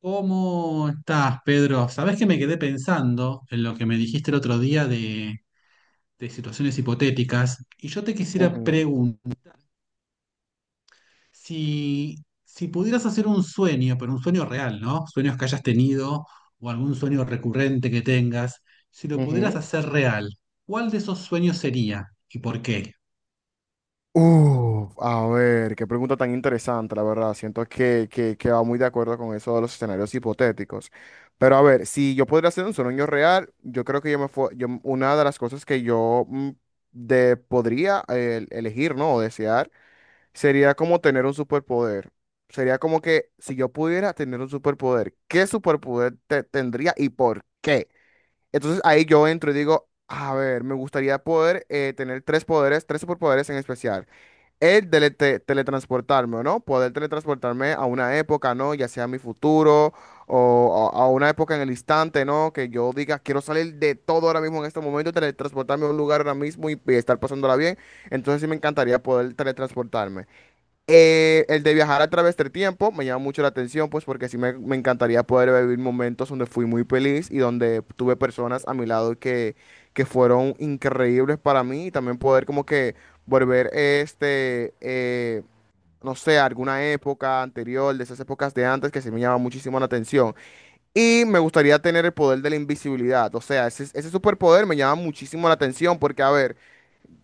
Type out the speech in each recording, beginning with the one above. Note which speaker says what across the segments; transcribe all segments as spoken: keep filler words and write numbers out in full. Speaker 1: ¿Cómo estás, Pedro? Sabés que me quedé pensando en lo que me dijiste el otro día de, de situaciones hipotéticas, y yo te quisiera
Speaker 2: Ujú,
Speaker 1: preguntar si, si pudieras hacer un sueño, pero un sueño real, ¿no? Sueños que hayas tenido o algún sueño recurrente que tengas, si lo pudieras
Speaker 2: ujú.
Speaker 1: hacer real, ¿cuál de esos sueños sería y por qué?
Speaker 2: Uf, a ver, qué pregunta tan interesante, la verdad. Siento que, que, que va muy de acuerdo con eso de los escenarios hipotéticos. Pero a ver, si yo podría hacer un sueño real, yo creo que yo me fue, yo, una de las cosas que yo mm, de, podría eh, elegir, ¿no? O desear, sería como tener un superpoder. Sería como que si yo pudiera tener un superpoder, ¿qué superpoder te- tendría y por qué? Entonces ahí yo entro y digo, a ver, me gustaría poder eh, tener tres poderes, tres superpoderes en especial. El de teletransportarme, ¿no? Poder teletransportarme a una época, ¿no? Ya sea mi futuro o a, a una época en el instante, ¿no? Que yo diga, quiero salir de todo ahora mismo en este momento, teletransportarme a un lugar ahora mismo y, y estar pasándola bien. Entonces sí me encantaría poder teletransportarme. Eh, el de viajar a través del tiempo me llama mucho la atención, pues porque sí me, me encantaría poder vivir momentos donde fui muy feliz y donde tuve personas a mi lado que, que fueron increíbles para mí y también poder como que volver este, eh, no sé, a alguna época anterior, de esas épocas de antes que sí me llama muchísimo la atención. Y me gustaría tener el poder de la invisibilidad, o sea, ese, ese superpoder me llama muchísimo la atención porque, a ver,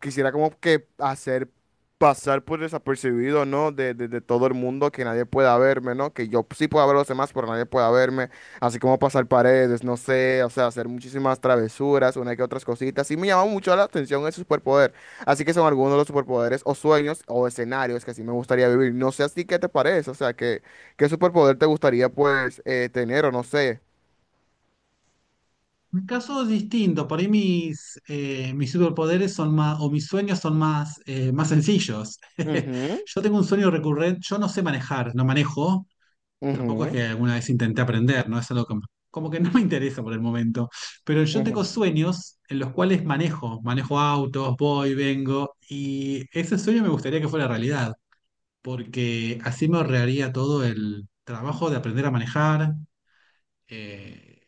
Speaker 2: quisiera como que hacer pasar por desapercibido, ¿no? De, de- de todo el mundo, que nadie pueda verme, ¿no? Que yo sí pueda ver a los demás, pero nadie pueda verme. Así como pasar paredes, no sé, o sea, hacer muchísimas travesuras, una que otras cositas. Sí me llama mucho la atención ese superpoder. Así que son algunos de los superpoderes o sueños o escenarios que sí me gustaría vivir. No sé así qué te parece, o sea, que, qué superpoder te gustaría pues eh, tener o no sé.
Speaker 1: Mi caso es distinto. Por ahí mis, eh, mis superpoderes son más, o mis sueños son más, eh, más sencillos.
Speaker 2: Ujú,
Speaker 1: Yo tengo un sueño recurrente. Yo no sé manejar, no manejo, tampoco es
Speaker 2: ujú,
Speaker 1: que alguna vez intenté aprender, ¿no? Es algo que como que no me interesa por el momento, pero yo tengo
Speaker 2: ujú.
Speaker 1: sueños en los cuales manejo, manejo autos, voy, vengo, y ese sueño me gustaría que fuera realidad, porque así me ahorraría todo el trabajo de aprender a manejar. eh,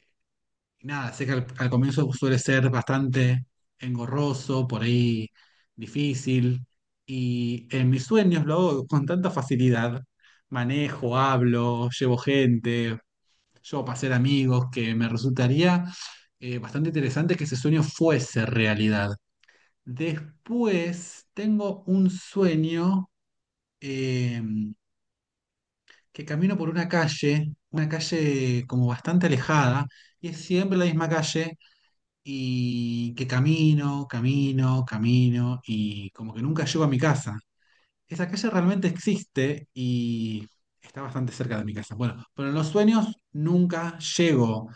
Speaker 1: y nada, sé que al, al comienzo suele ser bastante engorroso, por ahí difícil. Y en mis sueños lo hago con tanta facilidad. Manejo, hablo, llevo gente, llevo para hacer amigos, que me resultaría eh, bastante interesante que ese sueño fuese realidad. Después tengo un sueño eh, que camino por una calle, una calle como bastante alejada, y es siempre la misma calle, y que camino, camino, camino y como que nunca llego a mi casa. Esa calle realmente existe y está bastante cerca de mi casa. Bueno, pero en los sueños nunca llego.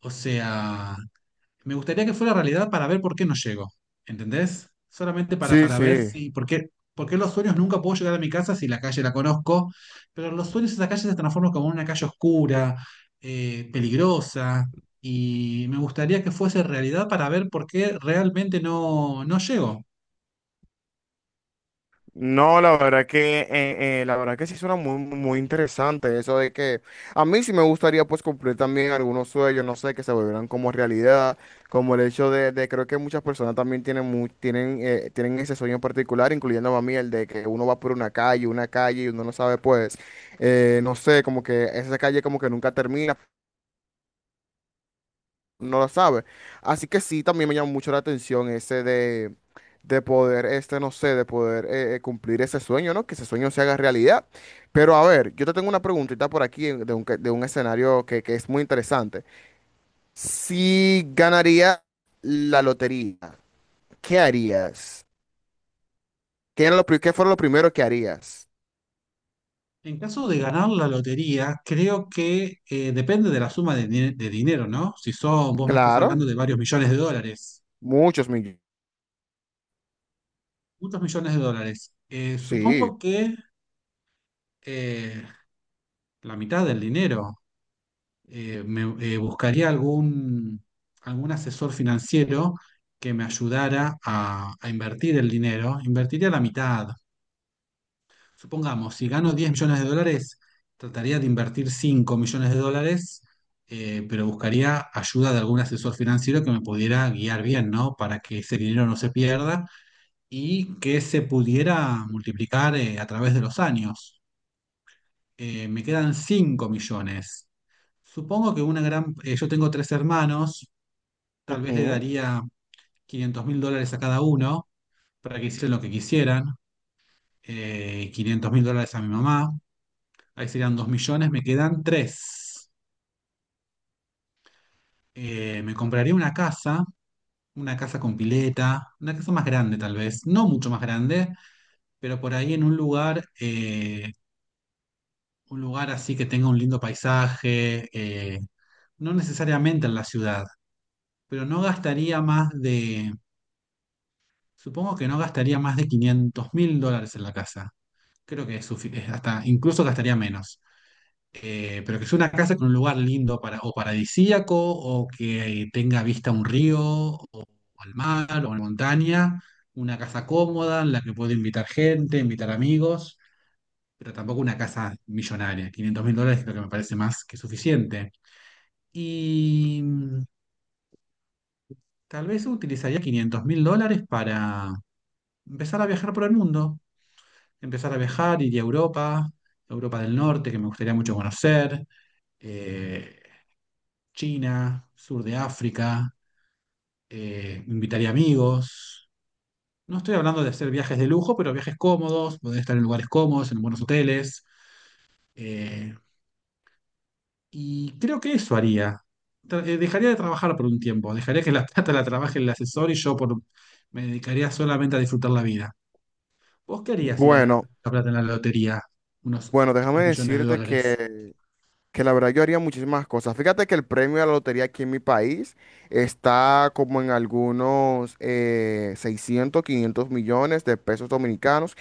Speaker 1: O sea, me gustaría que fuera realidad para ver por qué no llego, ¿entendés? Solamente para,
Speaker 2: Sí,
Speaker 1: para
Speaker 2: sí.
Speaker 1: ver si, por qué, por qué los sueños nunca puedo llegar a mi casa si la calle la conozco, pero los sueños esa calle se transforman como en una calle oscura, eh, peligrosa, y me gustaría que fuese realidad para ver por qué realmente no, no llego.
Speaker 2: No, la verdad que eh, eh, la verdad que sí suena muy muy interesante eso de que a mí sí me gustaría pues cumplir también algunos sueños, no sé, que se volvieran como realidad, como el hecho de, de- creo que muchas personas también tienen mu- tienen eh, tienen ese sueño en particular, incluyendo a mí el de que uno va por una calle, una calle y uno no sabe pues eh, no sé, como que esa calle como que nunca termina, no la sabe. Así que sí, también me llamó mucho la atención ese de, de poder, este, no sé, de poder eh, eh, cumplir ese sueño, ¿no? Que ese sueño se haga realidad. Pero a ver, yo te tengo una preguntita por aquí en- de un, que- de un escenario que, que es muy interesante. Si ganaría la lotería, ¿qué harías? ¿Qué era lo, pri- qué fuera lo primero que harías?
Speaker 1: En caso de ganar la lotería, creo que eh, depende de la suma de, dine- de dinero, ¿no? Si son, vos me estás
Speaker 2: Claro,
Speaker 1: hablando de varios millones de dólares,
Speaker 2: muchos millones.
Speaker 1: muchos millones de dólares. Eh,
Speaker 2: Sí.
Speaker 1: supongo que eh, la mitad del dinero. Eh, me, eh, buscaría algún, algún asesor financiero que me ayudara a, a invertir el dinero. Invertiría la mitad. Supongamos, si gano diez millones de dólares, trataría de invertir cinco millones de dólares, eh, pero buscaría ayuda de algún asesor financiero que me pudiera guiar bien, ¿no? Para que ese dinero no se pierda y que se pudiera multiplicar eh, a través de los años. Eh, me quedan cinco millones. Supongo que una gran... eh, yo tengo tres hermanos, tal vez le
Speaker 2: Ujú.
Speaker 1: daría quinientos mil dólares a cada uno para que hicieran lo que quisieran. Eh, quinientos mil dólares a mi mamá, ahí serían dos millones, me quedan tres. me compraría una casa, una casa con pileta, una casa más grande tal vez, no mucho más grande, pero por ahí en un lugar, eh, un lugar así que tenga un lindo paisaje, eh, no necesariamente en la ciudad, pero no gastaría más de Supongo que no gastaría más de quinientos mil dólares en la casa. Creo que es sufi- es hasta incluso gastaría menos. Eh, pero que sea una casa con un lugar lindo para, o paradisíaco, o que tenga vista a un río, o al mar, o a una montaña. Una casa cómoda en la que puedo invitar gente, invitar amigos, pero tampoco una casa millonaria. quinientos mil dólares creo que me parece más que suficiente. Y mm, tal vez utilizaría quinientos mil dólares para empezar a viajar por el mundo. empezar a viajar, iría a Europa, Europa del Norte, que me gustaría mucho conocer, eh, China, sur de África, eh, invitaría amigos. No estoy hablando de hacer viajes de lujo, pero viajes cómodos, poder estar en lugares cómodos, en buenos hoteles. eh, y creo que eso haría. Tra- eh, Dejaría de trabajar por un tiempo, dejaría que la plata la trabaje el asesor y yo por, me dedicaría solamente a disfrutar la vida. ¿Vos qué harías si ganaras
Speaker 2: Bueno,
Speaker 1: la plata en la lotería? Unos
Speaker 2: bueno, déjame
Speaker 1: diez millones de
Speaker 2: decirte
Speaker 1: dólares.
Speaker 2: que que la verdad yo haría muchísimas cosas. Fíjate que el premio de la lotería aquí en mi país está como en algunos eh, seiscientos, quinientos millones de pesos dominicanos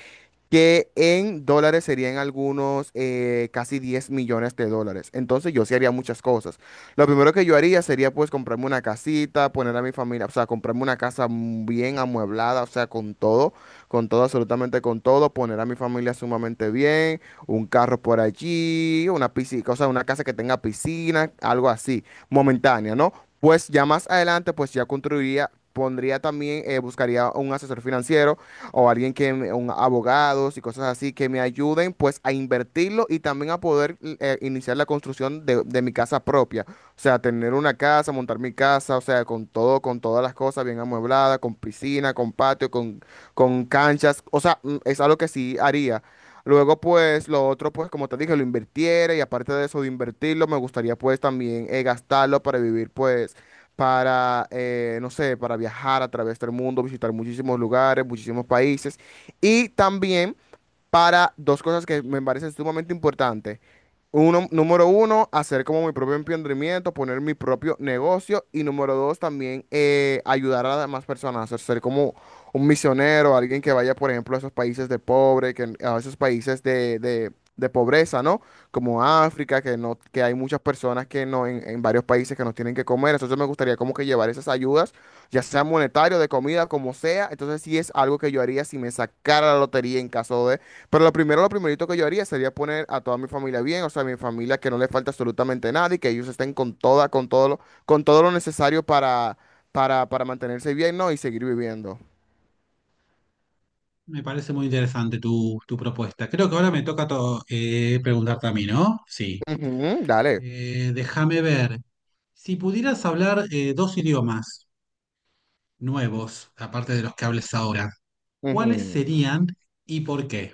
Speaker 2: que en dólares serían algunos eh, casi diez millones de dólares. Entonces yo sí haría muchas cosas. Lo primero que yo haría sería pues comprarme una casita, poner a mi familia, o sea, comprarme una casa m- bien amueblada, o sea, con todo, con todo, absolutamente con todo, poner a mi familia sumamente bien, un carro por allí, una piscina, o sea, una casa que tenga piscina, algo así, momentánea, ¿no? Pues ya más adelante, pues ya construiría, pondría también, eh, buscaría un asesor financiero, o alguien que, me- un abogados y cosas así que me ayuden pues a invertirlo y también a poder eh, iniciar la construcción de, de mi casa propia. O sea, tener una casa, montar mi casa, o sea, con todo, con todas las cosas bien amuebladas, con piscina, con patio, con, con canchas. O sea, mm, es algo que sí haría. Luego, pues, lo otro, pues, como te dije, lo invirtiera y aparte de eso, de invertirlo, me gustaría, pues, también eh, gastarlo para vivir, pues para, eh, no sé, para viajar a través del mundo, visitar muchísimos lugares, muchísimos países. Y también para dos cosas que me parecen sumamente importantes. Uno, número uno, hacer como mi propio emprendimiento, poner mi propio negocio. Y número dos, también eh, ayudar a las demás personas, hacer ser como un misionero, alguien que vaya, por ejemplo, a esos países de pobre, que, a esos países de, de- de pobreza, ¿no? Como África, que, no, que hay muchas personas que no, en, en varios países que no tienen que comer. Entonces me gustaría como que llevar esas ayudas, ya sea monetario, de comida, como sea. Entonces sí es algo que yo haría si me sacara la lotería en caso de... Pero lo primero, lo primerito que yo haría sería poner a toda mi familia bien, o sea, mi familia que no le falta absolutamente nada y que ellos estén con toda, con todo lo, con todo lo necesario para, para, para mantenerse bien, ¿no? Y seguir viviendo.
Speaker 1: Me parece muy interesante tu, tu propuesta. Creo que ahora me toca to- eh, preguntarte a mí, ¿no? Sí.
Speaker 2: Ujú, dale.
Speaker 1: Eh, déjame ver. Si pudieras hablar eh, dos idiomas nuevos, aparte de los que hables ahora, ¿cuáles
Speaker 2: Ujú.
Speaker 1: serían y por qué?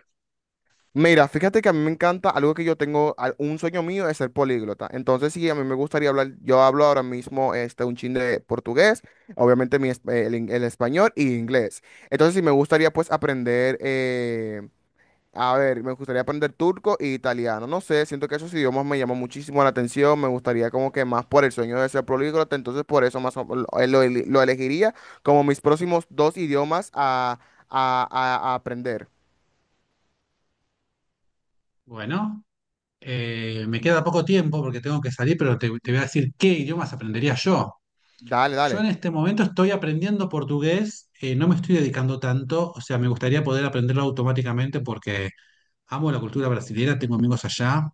Speaker 2: Mira, fíjate que a mí me encanta algo que yo tengo, al- un sueño mío es ser políglota. Entonces, sí, a mí me gustaría hablar, yo hablo ahora mismo este, un chin de portugués, obviamente mi, es- el, in- el español y inglés. Entonces, sí, me gustaría pues aprender eh, a ver, me gustaría aprender turco e italiano. No sé, siento que esos idiomas me llaman muchísimo la atención. Me gustaría como que más por el sueño de ser políglota. Entonces por eso más o- lo, eh, lo eli- lo elegiría como mis próximos dos idiomas a, a- a- a aprender.
Speaker 1: Bueno, eh, me queda poco tiempo porque tengo que salir, pero te, te voy a decir qué idiomas aprendería yo.
Speaker 2: Dale,
Speaker 1: Yo
Speaker 2: dale.
Speaker 1: en este momento estoy aprendiendo portugués, eh, no me estoy dedicando tanto, o sea, me gustaría poder aprenderlo automáticamente porque amo la cultura brasileña, tengo amigos allá,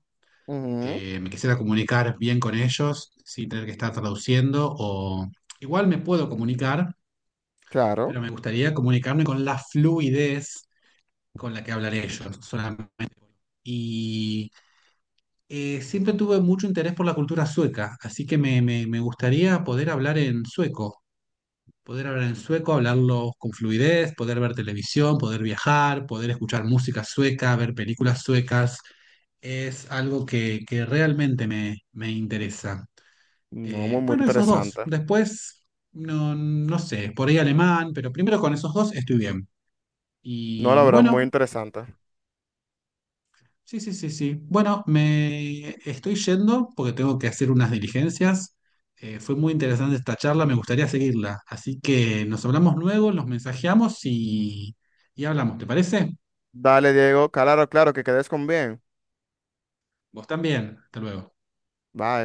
Speaker 2: Ujú,
Speaker 1: eh, me quisiera comunicar bien con ellos sin tener que estar traduciendo, o igual me puedo comunicar,
Speaker 2: claro.
Speaker 1: pero me gustaría comunicarme con la fluidez con la que hablan ellos solamente. Y eh, siempre tuve mucho interés por la cultura sueca, así que me, me- me gustaría poder hablar en sueco, poder hablar en sueco, hablarlo con fluidez, poder ver televisión, poder viajar, poder escuchar música sueca, ver películas suecas. Es algo que, que realmente me me interesa.
Speaker 2: No, muy,
Speaker 1: Eh,
Speaker 2: muy
Speaker 1: bueno, esos dos.
Speaker 2: interesante.
Speaker 1: Después, no, no sé, por ahí alemán, pero primero con esos dos estoy bien.
Speaker 2: No, la
Speaker 1: Y
Speaker 2: verdad, muy
Speaker 1: bueno,
Speaker 2: interesante.
Speaker 1: sí, sí, sí, sí. Bueno, me estoy yendo porque tengo que hacer unas diligencias. Eh, fue muy interesante esta charla, me gustaría seguirla. Así que nos hablamos luego, nos mensajeamos y, y hablamos, ¿te parece?
Speaker 2: Dale, Diego. Claro, claro, que quedes con bien.
Speaker 1: Vos también. Hasta luego.
Speaker 2: Bye.